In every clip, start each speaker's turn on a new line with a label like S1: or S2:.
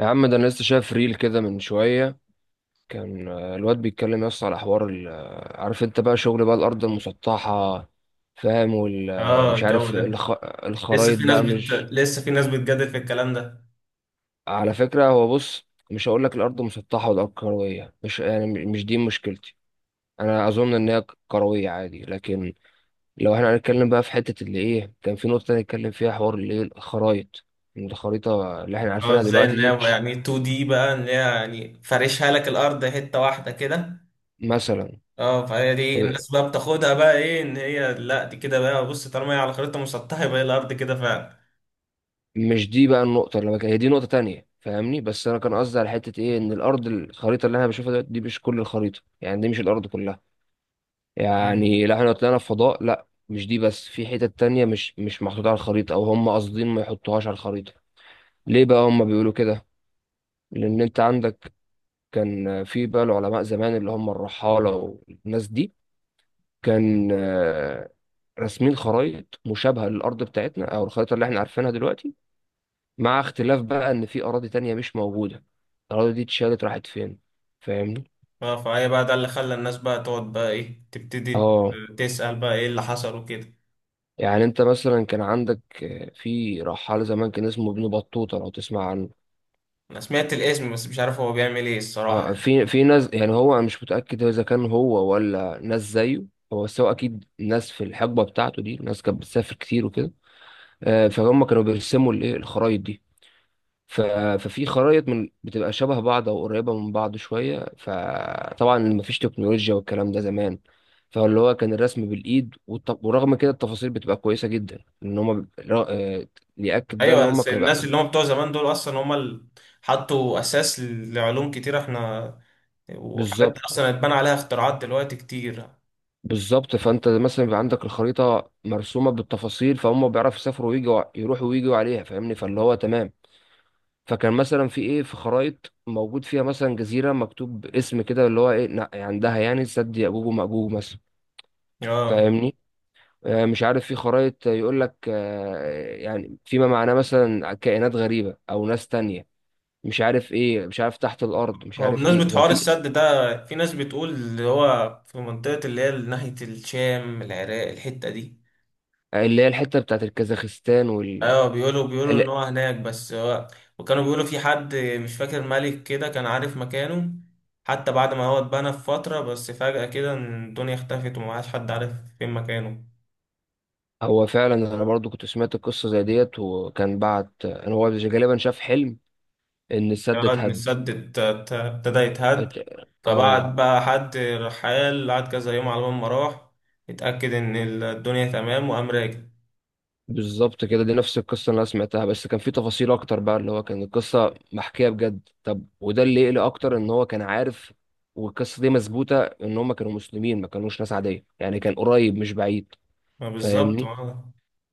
S1: يا عم، ده انا لسه شايف ريل كده من شويه. كان الواد بيتكلم يس على حوار عارف انت بقى، شغل بقى الارض المسطحه، فاهم؟ وال
S2: اه
S1: مش
S2: الجو
S1: عارف
S2: ده. لسه
S1: الخرايط
S2: في ناس
S1: بقى مش.
S2: بتجادل في الكلام ده.
S1: على فكره، هو بص، مش هقول لك الارض مسطحه والارض كرويه، مش يعني مش دي مشكلتي. انا اظن ان هي كرويه عادي، لكن لو احنا هنتكلم بقى في حته اللي ايه، كان في نقطه نتكلم فيها حوار اللي ايه الخرايط. إن الخريطه اللي احنا
S2: اه،
S1: عارفينها
S2: ازاي
S1: دلوقتي
S2: ان
S1: دي
S2: هي
S1: مش،
S2: يعني 2 دي بقى، ان هي يعني فارشها لك الارض حته واحده كده.
S1: مثلا.
S2: اه، فهي دي الناس بقى بتاخدها بقى ايه، ان هي لا دي كده، بقى بص طالما هي على خريطه مسطحه يبقى هي الارض كده فعلا.
S1: مش دي بقى النقطة اللي هي دي نقطة تانية، فاهمني؟ بس أنا كان قصدي على حتة إيه، إن الأرض، الخريطة اللي أنا بشوفها دلوقتي دي مش كل الخريطة، يعني دي مش الأرض كلها.
S2: مم.
S1: يعني لو إحنا لو طلعنا في فضاء، لأ مش دي بس، في حتت تانية مش محطوطة على الخريطة، أو هم قاصدين ما يحطوهاش على الخريطة. ليه بقى هم بيقولوا كده؟ لأن أنت عندك، كان في بقى العلماء زمان اللي هم الرحالة والناس دي، كان راسمين خرايط مشابهة للأرض بتاعتنا، أو الخريطة اللي إحنا عارفينها دلوقتي، مع اختلاف بقى ان في اراضي تانية مش موجودة. الاراضي دي اتشالت راحت فين؟ فاهمني.
S2: اه فهي بقى ده اللي خلى الناس بقى تقعد بقى ايه، تبتدي
S1: اه.
S2: تسأل بقى ايه اللي حصل وكده.
S1: يعني انت مثلا كان عندك في رحال زمان كان اسمه ابن بطوطة، لو تسمع عنه.
S2: انا سمعت الاسم بس مش عارف هو بيعمل ايه
S1: اه.
S2: الصراحه.
S1: في ناس، يعني هو، انا مش متأكد اذا كان هو ولا ناس زيه. هو، بس هو اكيد ناس في الحقبة بتاعته دي ناس كانت بتسافر كتير وكده. فهم كانوا بيرسموا الايه الخرايط دي. ف... ففي خرايط من بتبقى شبه بعض او قريبه من بعض شويه، فطبعا مفيش تكنولوجيا والكلام ده زمان. فاللي هو كان الرسم بالايد ورغم كده التفاصيل بتبقى كويسه جدا، ان هم ب... را- آه، ياكد ده ان
S2: ايوه،
S1: هم
S2: بس
S1: كانوا
S2: الناس اللي هم بتوع زمان دول اصلا هم اللي حطوا اساس لعلوم كتير احنا، وحاجات
S1: بالظبط.
S2: اصلا اتبنى عليها اختراعات دلوقتي كتير.
S1: بالظبط. فانت مثلا بيبقى عندك الخريطه مرسومه بالتفاصيل، فهم بيعرفوا يسافروا ويجوا يروحوا ويجوا عليها، فاهمني، فاللي هو تمام. فكان مثلا في ايه، في خرايط موجود فيها مثلا جزيره مكتوب اسم كده، اللي هو ايه عندها، يعني سد يأجوج ومأجوج مثلا،
S2: اه،
S1: فاهمني. مش عارف، في خرائط يقول لك يعني فيما معناه مثلا كائنات غريبة أو ناس تانية، مش عارف إيه، مش عارف تحت الأرض، مش
S2: هو
S1: عارف إيه
S2: بمناسبة
S1: كان
S2: حوار
S1: في.
S2: السد ده، في ناس بتقول اللي هو في منطقة اللي هي ناحية الشام العراق الحتة دي.
S1: اللي هي الحتة بتاعت الكازاخستان وال،
S2: ايوه بيقولوا، بيقولوا ان هو
S1: لا،
S2: هناك، بس هو وكانوا بيقولوا في حد مش فاكر ملك كده كان عارف مكانه. حتى بعد ما هو اتبنى في فترة، بس فجأة كده الدنيا اختفت ومبقاش حد عارف فين مكانه.
S1: هو فعلا أنا برضو كنت سمعت القصة زي ديت، وكان بعت أنا هو غالبا شاف حلم إن السد
S2: اه ان
S1: اتهد.
S2: السد ابتدى يتهد.
S1: ات- آه
S2: فبعد بقى حد رحال قعد كذا يوم على ما راح اتأكد ان الدنيا تمام وقام راجع.
S1: بالظبط كده، دي نفس القصة اللي أنا سمعتها، بس كان في تفاصيل أكتر بقى، اللي هو كان القصة محكية بجد. طب، وده اللي يقلق أكتر إن هو كان عارف. والقصة دي مثبوتة إن هما كانوا مسلمين، ما كانوش ناس عادية، يعني كان قريب مش بعيد،
S2: ما بالظبط
S1: فاهمني.
S2: اه.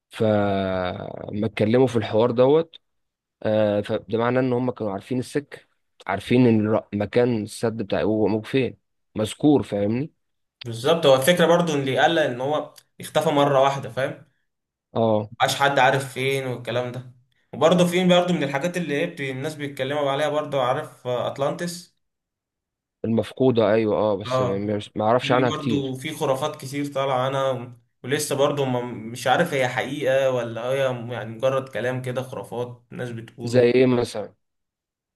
S1: فما اتكلموا في الحوار دوت. فده معناه إن هما كانوا عارفين السك، عارفين إن مكان السد بتاع هو موجود فين، مذكور، فاهمني.
S2: بالظبط، هو الفكرة برضو ان اللي قلق ان هو اختفى مرة واحدة، فاهم.
S1: اه.
S2: مبقاش حد عارف فين والكلام ده. وبرضه في برضه من الحاجات اللي ايه الناس بيتكلموا عليها برضه، عارف أطلانتس.
S1: المفقودة، أيوه، اه، بس
S2: اه،
S1: ما أعرفش
S2: في
S1: عنها
S2: برضو
S1: كتير.
S2: في خرافات كتير طالعة. انا ولسه برضو ما مش عارف هي حقيقة ولا هي يعني مجرد كلام كده، خرافات ناس
S1: زي
S2: بتقوله.
S1: إيه مثلا؟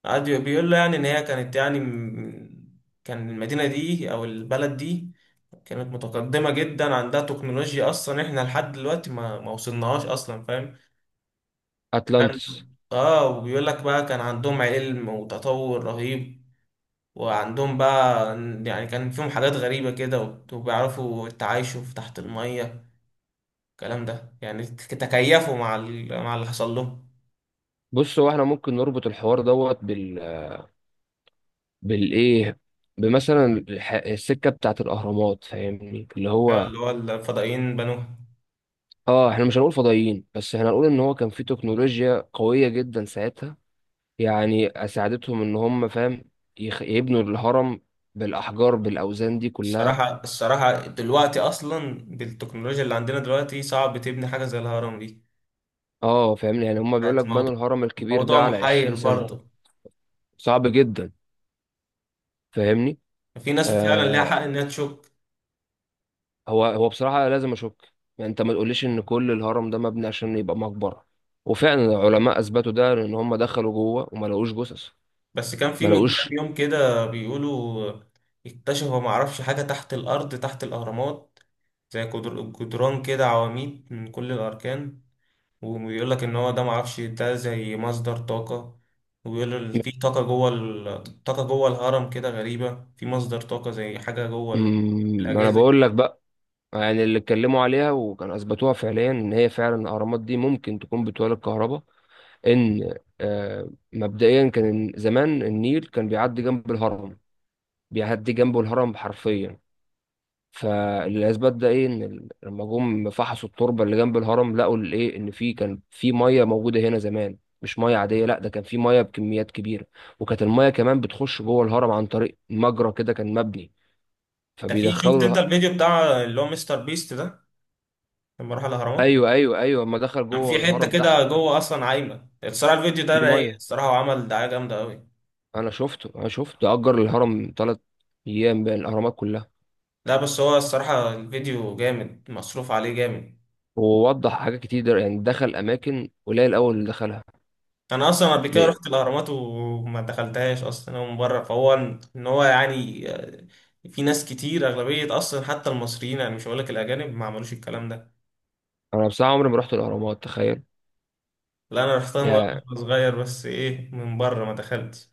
S2: قعد بيقول له يعني ان هي كانت يعني كان المدينة دي او البلد دي كانت متقدمة جدا، عندها تكنولوجيا اصلا احنا لحد دلوقتي ما وصلناهاش اصلا، فاهم. كان-
S1: أتلانتس.
S2: اه، وبيقول لك بقى كان عندهم علم وتطور رهيب، وعندهم بقى يعني كان فيهم حاجات غريبة كده وبيعرفوا التعايشوا في تحت المية. الكلام ده يعني تكيفوا مع مع اللي حصل لهم.
S1: بص، هو احنا ممكن نربط الحوار دوت بال، بالايه بمثلا السكه بتاعت الاهرامات، فاهمني، اللي هو.
S2: اللي هو الفضائيين بنوها.
S1: اه، احنا مش هنقول فضائيين، بس احنا هنقول ان هو كان في تكنولوجيا قويه جدا ساعتها، يعني اساعدتهم ان هم، فاهم، يبنوا الهرم بالاحجار بالاوزان دي كلها.
S2: الصراحة، الصراحة دلوقتي أصلا بالتكنولوجيا اللي عندنا دلوقتي صعب تبني حاجة زي الهرم دي.
S1: اه، فاهمني، يعني هم بيقول لك
S2: بقت
S1: بنوا
S2: موضوع،
S1: الهرم الكبير
S2: موضوع
S1: ده على
S2: محير
S1: 20 سنه.
S2: برضه.
S1: صعب جدا، فاهمني.
S2: في ناس فعلا ليها
S1: آه،
S2: حق إنها تشك.
S1: هو بصراحة لازم أشك، يعني أنت ما تقوليش إن كل الهرم ده مبني عشان يبقى مقبرة، وفعلا العلماء أثبتوا ده، لأن هم دخلوا جوه وما لقوش جثث.
S2: بس كان في
S1: ما
S2: من كام
S1: لقوش.
S2: يوم كده بيقولوا اكتشفوا معرفش حاجة تحت الأرض تحت الأهرامات، زي جدران كده، عواميد من كل الأركان. وبيقول لك إن هو ده معرفش ده زي مصدر طاقة. وبيقول في طاقة جوه طاقة جوه الهرم كده غريبة، في مصدر طاقة زي حاجة جوه
S1: ما أنا
S2: الأجهزة.
S1: بقول لك بقى، يعني اللي اتكلموا عليها وكانوا أثبتوها فعليا إن هي فعلا الأهرامات دي ممكن تكون بتولد كهرباء. إن مبدئيا كان زمان النيل كان بيعدي جنب الهرم، بيعدي جنبه الهرم حرفيا. فالاسباب ده ايه، ان لما جم فحصوا التربه اللي جنب الهرم، لقوا الايه، ان في كان في ميه موجوده هنا زمان، مش ميه عاديه، لا ده كان في ميه بكميات كبيره. وكانت الميه كمان بتخش جوه الهرم عن طريق مجرى كده كان مبني،
S2: ده في، شفت
S1: فبيدخلوا
S2: أنت الفيديو بتاع اللي هو مستر بيست ده لما راح الأهرامات؟
S1: ايوه، ايوه، ايوه، اما دخل
S2: كان
S1: جوه
S2: في حتة
S1: الهرم تحت،
S2: كده جوه أصلا عايمة. الصراحة الفيديو ده
S1: في
S2: رايق
S1: ميه.
S2: الصراحة، وعمل دعاية جامدة أوي.
S1: انا شفته اجر الهرم 3 ايام بين الاهرامات كلها.
S2: لا بس هو الصراحة الفيديو جامد، مصروف عليه جامد.
S1: ووضح حاجات كتير، يعني دخل اماكن قليل الاول اللي دخلها.
S2: أنا أصلا قبل كده
S1: ليه؟
S2: رحت الأهرامات وما دخلتهاش أصلا، هو من بره. فهو إن هو يعني في ناس كتير أغلبية أصلا حتى المصريين، يعني مش هقولك الأجانب ما عملوش الكلام ده.
S1: انا بصراحه عمري ما رحت الاهرامات، تخيل.
S2: لا أنا رحتها مرة وأنا صغير، بس إيه من بره ما دخلتش.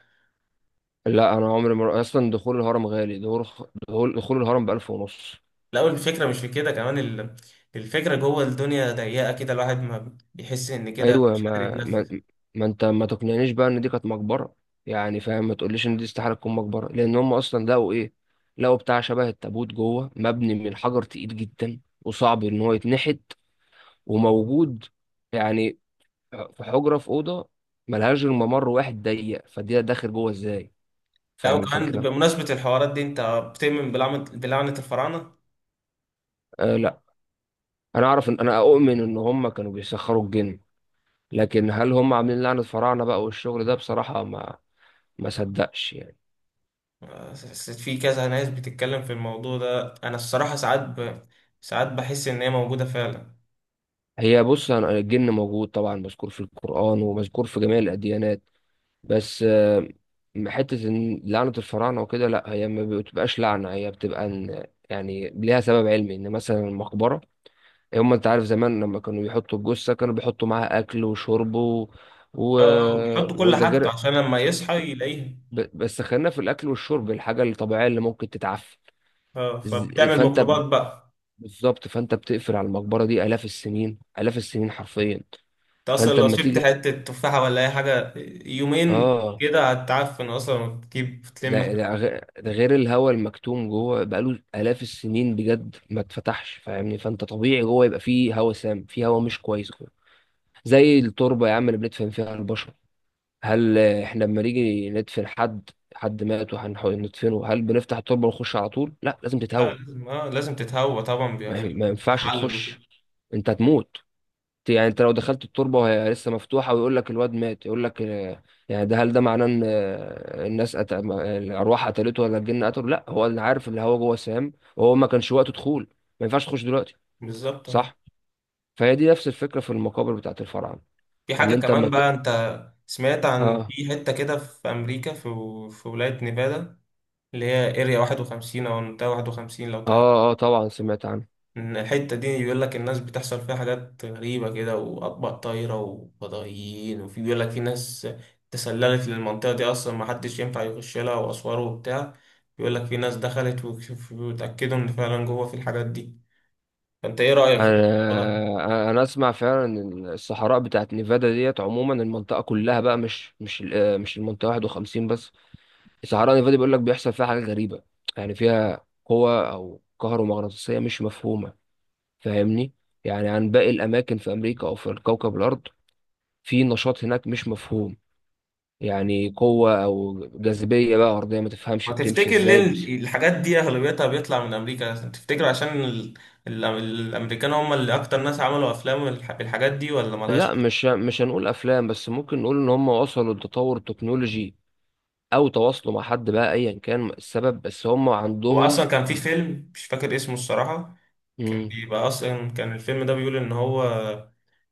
S1: لا، انا عمري ما، اصلا دخول الهرم غالي. دخول الهرم ب1500.
S2: لا والفكرة مش في كده كمان الفكرة جوه الدنيا ضيقة كده، الواحد ما بيحس إن كده
S1: ايوه.
S2: مش قادر
S1: ما ما
S2: يتنفس.
S1: ما انت ما تقنعنيش بقى ان دي كانت مقبره، يعني فاهم، ما تقوليش ان دي استحاله تكون مقبره، لان هم اصلا لقوا ايه، لقوا بتاع شبه التابوت جوه مبني من حجر تقيل جدا وصعب ان هو يتنحت، وموجود يعني في حجره، في اوضه ملهاش غير ممر واحد ضيق، فدي داخل جوه ازاي؟
S2: لا
S1: فاهم
S2: وكمان
S1: الفكره؟
S2: بمناسبة الحوارات دي، أنت بتؤمن بلعنة، بلعنة الفراعنة؟
S1: لا، انا اعرف ان انا اؤمن ان هم كانوا بيسخروا الجن، لكن هل هم عاملين لعنة فراعنة بقى والشغل ده، بصراحة، ما صدقش يعني.
S2: حسيت في كذا ناس بتتكلم في الموضوع ده، انا الصراحة ساعات ب... ساعات بحس ان هي موجودة فعلا.
S1: هي بص، الجن موجود طبعا، مذكور في القرآن ومذكور في جميع الأديانات، بس حتة إن لعنة الفراعنة وكده لا، هي ما بتبقاش لعنة، هي بتبقى إن يعني ليها سبب علمي، إن مثلا المقبرة، إيه، هم أنت عارف، زمان لما كانوا بيحطوا الجثة كانوا بيحطوا معاها أكل وشرب و...
S2: اه اه، بيحط كل
S1: وده
S2: حاجته
S1: غير.
S2: عشان لما يصحى يلاقيها.
S1: بس خلينا في الاكل والشرب الحاجه الطبيعيه اللي ممكن تتعفن.
S2: اه فبتعمل
S1: فانت،
S2: ميكروبات بقى.
S1: بالظبط، فانت بتقفل على المقبره دي الاف السنين، الاف السنين حرفيا،
S2: انت اصلا
S1: فانت
S2: لو
S1: اما
S2: شلت
S1: تيجي.
S2: حتة تفاحة ولا اي حاجة يومين
S1: اه،
S2: كده هتعفن اصلا وتجيب تلم حاجة.
S1: ده غير الهواء المكتوم جوه بقاله الاف السنين بجد ما اتفتحش، فاهمني، فانت طبيعي جوه يبقى فيه هواء سام، فيه هواء مش كويس جوه، زي التربه يا عم اللي بندفن فيها البشر. هل احنا لما نيجي ندفن حد مات وهنحاول ندفنه، هل بنفتح التربه ونخش على طول؟ لا، لازم
S2: لا،
S1: تتهوى.
S2: لازم، اه لازم تتهوى طبعا، بيبقى
S1: ما
S2: في
S1: ما ينفعش
S2: تحلل وكده.
S1: تخش، انت هتموت. يعني انت لو دخلت التربه وهي لسه مفتوحه ويقول لك الواد مات، يقول لك يعني ده، هل ده معناه ان الناس أت... ما- الارواح قتلته ولا الجن قتله؟ لا، هو اللي عارف، اللي هو جوه سام وهو ما كانش وقته دخول، ما ينفعش تخش دلوقتي.
S2: بالظبط اه.
S1: صح. فهي دي نفس الفكره في المقابر بتاعت الفراعنه،
S2: في
S1: ان
S2: حاجة
S1: انت ما
S2: كمان
S1: ت...
S2: بقى، انت سمعت عن
S1: اه،
S2: في حتة كده في امريكا، في في ولاية نيفادا اللي هي اريا 51 او منطقة 51 لو
S1: اه،
S2: تعرف.
S1: اه، طبعا سمعت عنه.
S2: إن الحتة دي بيقول لك الناس بتحصل فيها حاجات غريبة كده، وأطباق طايرة وفضائيين، وفي بيقول لك في ناس تسللت للمنطقة دي أصلا محدش ينفع يخش لها، وأسوار وبتاع. بيقول لك في ناس دخلت وتأكدوا إن فعلا جوه في الحاجات دي. فأنت إيه رأيك في
S1: انا
S2: الموضوع ده؟
S1: آه، انا اسمع فعلا ان الصحراء بتاعت نيفادا ديت، عموما المنطقه كلها بقى، مش مش المنطقه 51 بس. الصحراء النفاذي بيقول لك بيحصل فيها حاجات غريبة، يعني فيها قوة أو كهرومغناطيسية مش مفهومة، فاهمني، يعني عن باقي الأماكن في أمريكا أو في الكوكب الأرض، في نشاط هناك مش مفهوم، يعني قوة أو جاذبية بقى أرضية ما تفهمش
S2: ما
S1: بتمشي
S2: تفتكر ليه
S1: إزاي، بس.
S2: الحاجات دي أغلبيتها بيطلع من أمريكا؟ تفتكر عشان الأمريكان هم اللي أكتر ناس عملوا أفلام بالحاجات دي، ولا ملهاش؟
S1: لا، مش هنقول أفلام، بس ممكن نقول إن هم وصلوا لتطور التكنولوجي أو تواصلوا مع حد بقى، أيا كان السبب، بس هم
S2: هو
S1: عندهم.
S2: اصلا كان في فيلم مش فاكر اسمه الصراحه، كان
S1: مم،
S2: بيبقى اصلا كان الفيلم ده بيقول ان هو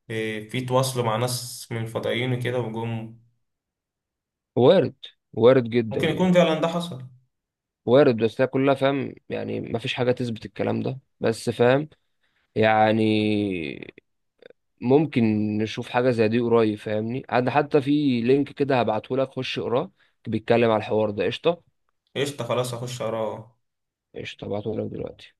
S2: في تواصلوا مع ناس من الفضائيين وكده وجم.
S1: وارد، وارد جدا
S2: ممكن يكون
S1: يعني،
S2: فعلا ده حصل.
S1: وارد بس هي كلها، فاهم يعني، مفيش حاجة تثبت الكلام ده، بس فاهم يعني ممكن نشوف حاجة زي دي قريب، فاهمني، عاد حتى في لينك كده هبعته لك، خش اقراه، بيتكلم على الحوار ده. قشطة.
S2: قشطه، خلاص هخش اقراه.
S1: قشطة، هبعته لك دلوقتي.